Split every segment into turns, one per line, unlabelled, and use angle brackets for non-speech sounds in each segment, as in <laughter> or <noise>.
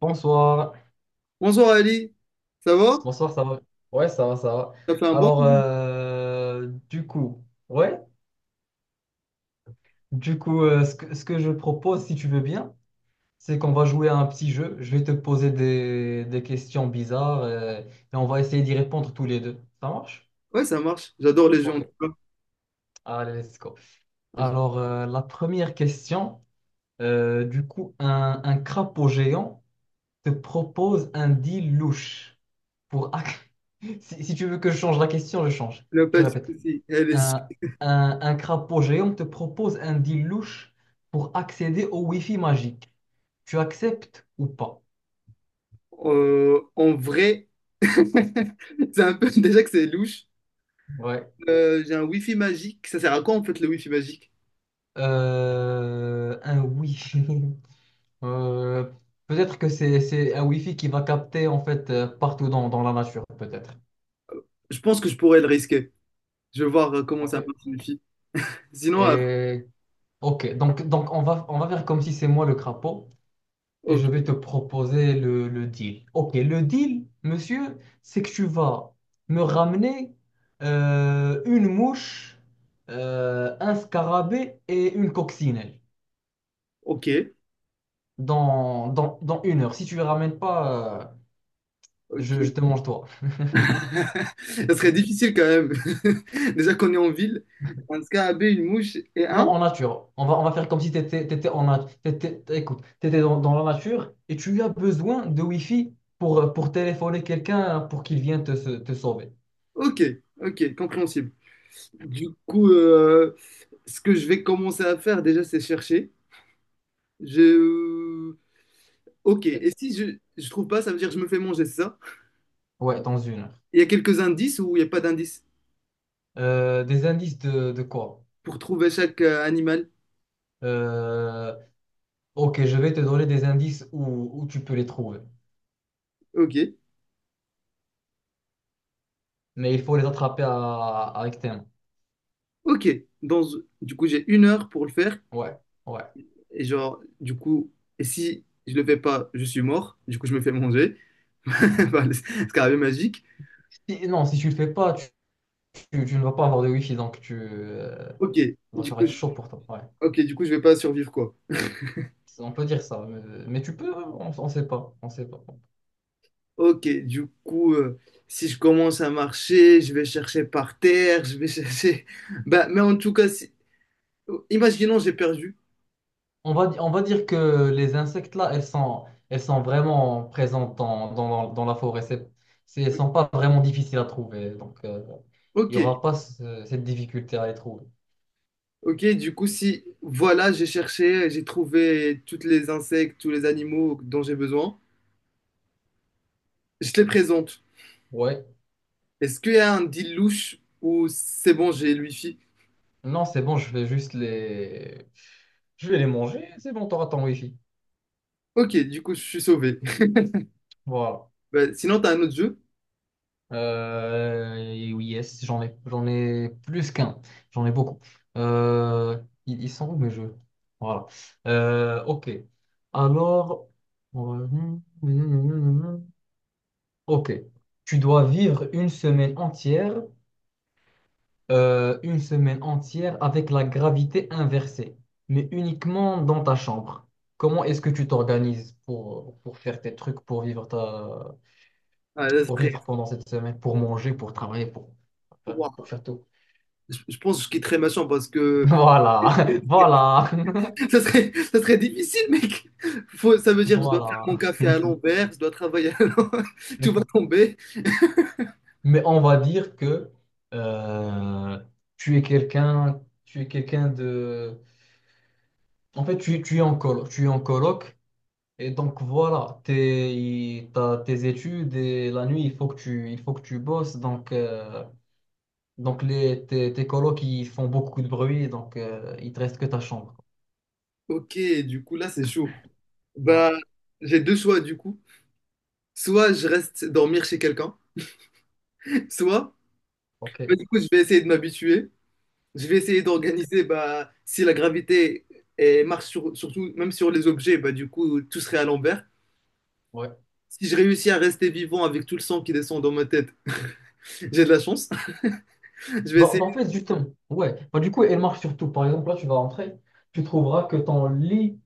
Bonsoir,
Bonsoir Ali, ça va?
bonsoir, ça va? Ouais, ça va, ça va.
Ça fait un bon
Alors,
moment?
du coup, ouais, ce que je propose, si tu veux bien, c'est qu'on va jouer à un petit jeu. Je vais te poser des questions bizarres et on va essayer d'y répondre tous les deux. Ça marche?
Ouais, ça marche. J'adore les jeux en
Ok,
tout cas.
allez, let's go.
Il
Alors, la première question, du coup, un crapaud géant te propose un deal louche pour. <laughs> Si tu veux que je change la question, je change.
n'y a pas
Je
de
répète.
souci. Eh, les jeux,
Un, un crapaud géant te propose un deal louche pour accéder au Wi-Fi magique. Tu acceptes ou pas?
en vrai, <laughs> c'est un peu <laughs> déjà que c'est louche.
Ouais.
J'ai un Wi-Fi magique. Ça sert à quoi en fait le Wi-Fi magique?
Un Wi-Fi. <laughs> Euh, peut-être que c'est un Wi-Fi qui va capter en fait partout dans la nature, peut-être.
Je pense que je pourrais le risquer. Je vais voir comment
Ok.
ça marche le Wi-Fi. Sinon, euh,
Et ok, donc on va faire comme si c'est moi le crapaud. Et je vais
ok,
te proposer le deal. Ok, le deal, monsieur, c'est que tu vas me ramener une mouche, un scarabée et une coccinelle
ok,
dans 1 heure. Si tu ne les ramènes pas, je
ok.
te mange toi.
<laughs> Ça serait difficile quand même. <laughs> Déjà qu'on est en ville, un scarabée, une mouche et
Non,
un.
en nature. On va faire comme si tu étais, en nat- t'étais- écoute, t'étais dans la nature et tu as besoin de Wi-Fi pour téléphoner quelqu'un pour qu'il vienne te sauver.
Ok, ok, compréhensible. Du coup, ce que je vais commencer à faire déjà, c'est chercher. Je... Ok, et si je trouve pas, ça veut dire que je me fais manger, c'est ça?
Ouais, dans 1 heure.
Il y a quelques indices ou il n'y a pas d'indices
Des indices de quoi?
pour trouver chaque animal?
Euh, ok, je vais te donner des indices où tu peux les trouver.
Ok,
Mais il faut les attraper avec tes mains.
ok. Dans... Du coup, j'ai 1 heure pour le faire.
Ouais, ouais.
Et genre, du coup, et si je le fais pas, je suis mort. Du coup, je me fais manger. <laughs> Enfin, c'est carrément magique.
Non, si tu le fais pas, tu ne vas pas avoir de wifi, donc tu, euh,
Ok,
donc
du
ça va
coup,
être
je...
chaud pour toi. Ouais.
ok, du coup, je vais pas survivre, quoi.
On peut dire ça, mais on sait pas, on sait pas.
Ok, du coup, si je commence à marcher, je vais chercher par terre, je vais chercher. <laughs> Bah, mais en tout cas, si... imaginons j'ai perdu.
On va dire que les insectes là, elles sont vraiment présentes dans la forêt. Elles sont pas vraiment difficiles à trouver, donc, il
Ok,
n'y aura pas cette difficulté à les trouver.
ok, du coup, si voilà, j'ai cherché, j'ai trouvé tous les insectes, tous les animaux dont j'ai besoin, je te les présente.
Ouais.
Est-ce qu'il y a un deal louche ou c'est bon, j'ai le wifi?
Non, c'est bon, Je vais les manger, c'est bon, t'auras ton wifi.
Ok, du coup, je suis sauvé. <laughs>
Voilà.
Bah, sinon, t'as un autre jeu?
Oui, yes, j'en ai plus qu'un. J'en ai beaucoup. Ils sont où mes jeux? Voilà. Ok. Alors... on va- Ok. Tu dois vivre une semaine entière avec la gravité inversée, mais uniquement dans ta chambre. Comment est-ce que tu t'organises pour faire tes trucs, pour vivre ta,
Ah, là, ce
pour
serait-
vivre pendant cette semaine, pour manger, pour travailler, pour, enfin, pour
Ouah,
faire tout? <laughs>
je pense que je quitterai ma chambre parce que
Voilà, <laughs> voilà,
ça serait, ça serait difficile, mec. Faut, ça veut
<laughs>
dire que je dois faire
voilà.
mon café à l'envers, je dois travailler à l'envers, <laughs> tout va tomber.
Mais on va dire que euh, tu es quelqu'un de. En fait, tu es en colo tu es en coloc. Et donc voilà, t'as tes études et la nuit, il faut que tu bosses. Donc, tes colocs, ils font beaucoup de bruit, donc il te reste que ta chambre.
Ok, du coup, là, c'est chaud.
Ouais,
Bah, j'ai deux choix, du coup. Soit je reste dormir chez quelqu'un, soit, bah,
ok.
du coup, je vais essayer de m'habituer. Je vais essayer
Ok,
d'organiser, bah, si la gravité eh, marche sur- surtout, même sur les objets, bah, du coup, tout serait à l'envers.
ouais.
Si je réussis à rester vivant avec tout le sang qui descend dans ma tête, j'ai de la chance. <laughs> Je vais
Bah,
essayer.
bah, en fait, justement, ouais. Bah, du coup, elle marche surtout. Par exemple, là, tu vas rentrer, tu trouveras que ton lit,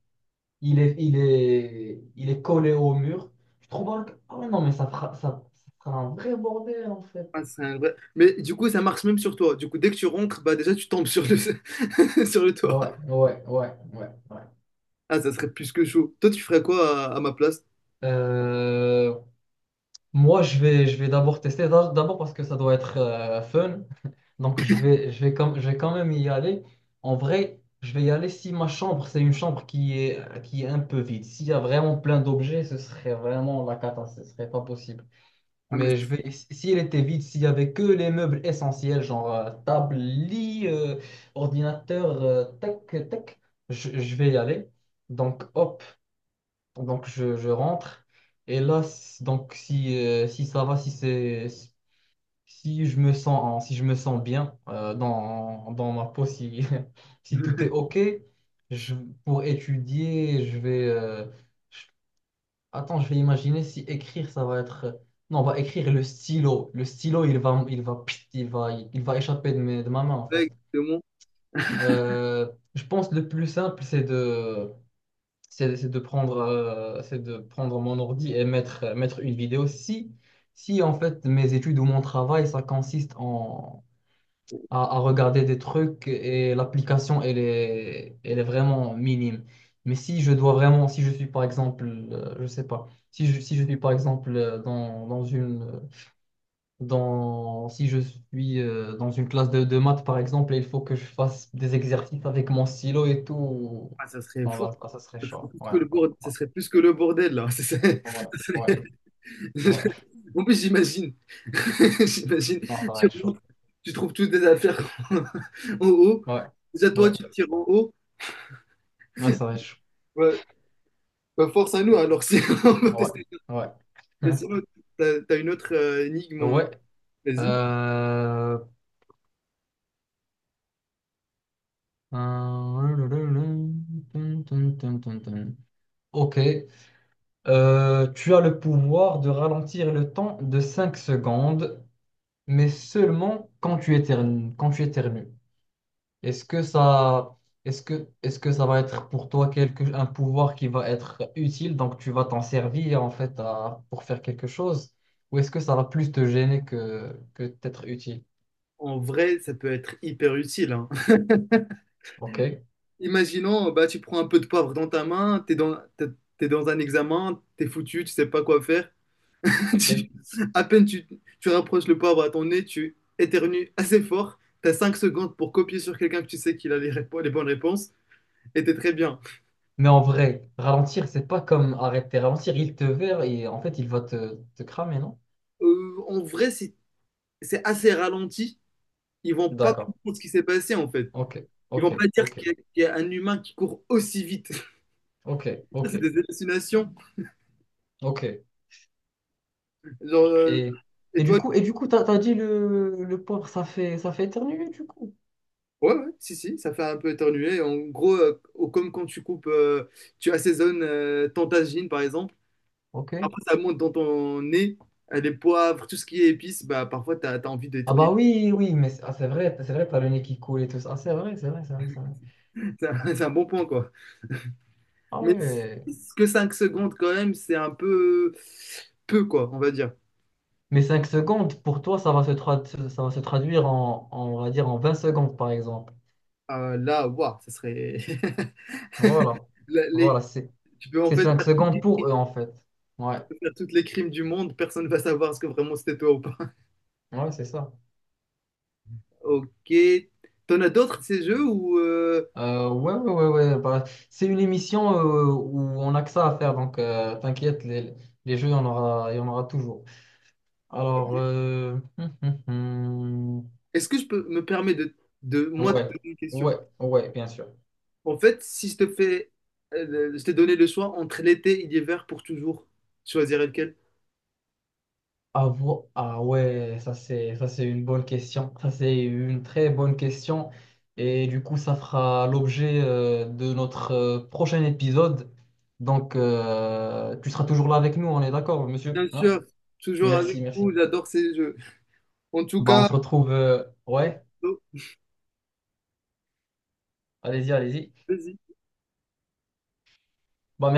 il est collé au mur. Tu trouveras ah ouais, non, mais ça fera un vrai bordel, en fait.
Ah, c'est un vrai- Mais du coup, ça marche même sur toi. Du coup, dès que tu rentres, bah déjà tu tombes sur le <laughs> sur le toit.
Ouais, ouais, ouais, ouais, ouais.
Ah, ça serait plus que chaud. Toi, tu ferais quoi à ma place?
Euh, moi, je vais d'abord tester, d'abord parce que ça doit être fun. <laughs> Donc, je vais quand même y aller. En vrai, je vais y aller si ma chambre, c'est une chambre qui est un peu vide. S'il y a vraiment plein d'objets, ce serait vraiment la cata, ce serait pas possible.
Ah, mais
Mais je vais, si si elle était vide, s'il y avait que les meubles essentiels, genre table, lit, ordinateur, tac, tac, je vais y aller. Donc, hop. Donc, je rentre. Et là, donc, si ça va, si je me sens, en- si je me sens bien dans ma peau, si, <laughs> si tout est
<laughs>
OK, je, pour étudier, je vais. Je- Attends, je vais imaginer si écrire, ça va être. Non, on va écrire le stylo. Le stylo, il va échapper de ma main, en fait.
ouais, exactement.
Je pense que le plus simple, c'est de prendre mon ordi et mettre une vidéo. Si en fait mes études ou mon travail, ça consiste à regarder des trucs et l'application, elle est vraiment minime. Mais si je suis par exemple, je sais pas, si je suis par exemple dans, dans une, dans, si je suis dans une classe de maths par exemple, et il faut que je fasse des exercices avec mon stylo et tout,
Ah, ça serait
bon,
fou.
là, ça serait
Ça serait
chaud.
plus
Ouais,
que le
ouais.
bordel, ça serait plus que le bordel là. <laughs>
Ouais,
Ça
ouais,
serait-
ouais.
<laughs> En plus, j'imagine. <laughs> J'imagine.
Non, ça va
Tu
être chaud.
rentres, tu trouves toutes tes affaires <laughs> en haut.
Ouais,
Déjà, toi,
ouais,
tu tires en haut.
ouais, ça va être chaud.
Ouais. Bah, force à nous alors. <laughs> Si... on va
Ouais,
tester.
ouais.
Mais sinon,
<laughs>
t'as une autre énigme, hein.
Ouais.
Vas-y.
Euh... euh, Ok. Tu as le pouvoir de ralentir le temps de 5 secondes, mais seulement quand tu éternues, quand tu éternues. Est-ce que ça, est-ce que ça va être pour toi un pouvoir qui va être utile, donc tu vas t'en servir en fait pour faire quelque chose, ou est-ce que ça va plus te gêner que t'être utile?
En vrai, ça peut être hyper utile, hein.
Ok,
<laughs> Imaginons, bah, tu prends un peu de poivre dans ta main, t'es dans un examen, t'es foutu, tu sais pas quoi faire. <laughs>
ok.
Tu- à peine tu rapproches le poivre à ton nez, tu éternues assez fort, t'as 5 secondes pour copier sur quelqu'un que tu sais qu'il a les, répo- les bonnes réponses, et t'es très bien.
Mais en vrai, ralentir, c'est pas comme arrêter. Ralentir, il te verra et en fait, il va te cramer, non?
En vrai, c'est assez ralenti. Ils vont pas
D'accord.
comprendre ce qui s'est passé, en fait.
Ok,
Ils vont pas
ok,
dire
ok,
qu'il y a un humain qui court aussi vite.
ok,
<laughs> Ça,
ok,
c'est des hallucinations.
ok.
Genre, euh,
Et,
et
et du
toi,
coup, t'as dit le porc, ça fait éternuer, du coup.
ouais, ouais, si, si, ça fait un peu éternuer. En gros, au- comme quand tu coupes, tu assaisonnes ton tagine, par exemple.
Ok.
Après, ça monte dans ton nez. Les poivres, tout ce qui est épices, bah, parfois, tu as envie
Ah bah
d'éternuer.
oui, oui, mais c'est ah, c'est vrai, t'as le nez qui coule et tout ça. Ah, c'est vrai, c'est vrai, c'est vrai, c'est vrai.
<laughs> C'est un bon point, quoi.
Ah
Mais c-
ouais.
que 5 secondes, quand même, c'est un peu, quoi, on va dire.
Mais 5 secondes, pour toi, ça va se traduire on va dire, en 20 secondes, par exemple.
Là, waouh, ça serait... <laughs>
Voilà.
Là, les-
Voilà, c'est
Tu peux en
c'est
fait
cinq
faire toutes
secondes
les
pour
crimes
eux, en fait. Ouais,
faire toutes les crimes du monde, personne ne va savoir ce que vraiment c'était toi ou pas. <laughs>
ouais, c'est ça.
Ok. T'en as d'autres de ces jeux ou
Ouais, ouais, ouais, ouais. Bah, c'est une émission où on a que ça à faire, donc t'inquiète, les jeux, il y en aura toujours. Alors, hum.
est-ce que je peux me permettre de moi te
Ouais,
poser une question?
ouais, ouais, bien sûr.
En fait, si je te fais, je t'ai donné le choix entre l'été et l'hiver pour toujours, tu choisirais lequel?
Ah, ah ouais, ça c'est une bonne question. Ça c'est une très bonne question. Et du coup, ça fera l'objet de notre prochain épisode. Tu seras toujours là avec nous, on est d'accord, monsieur,
Bien
hein?
sûr, toujours
Merci,
avec vous,
merci.
j'adore ces jeux. En tout
Bah, on
cas,
se retrouve. Ouais, allez-y, allez-y.
vas-y.
Bah,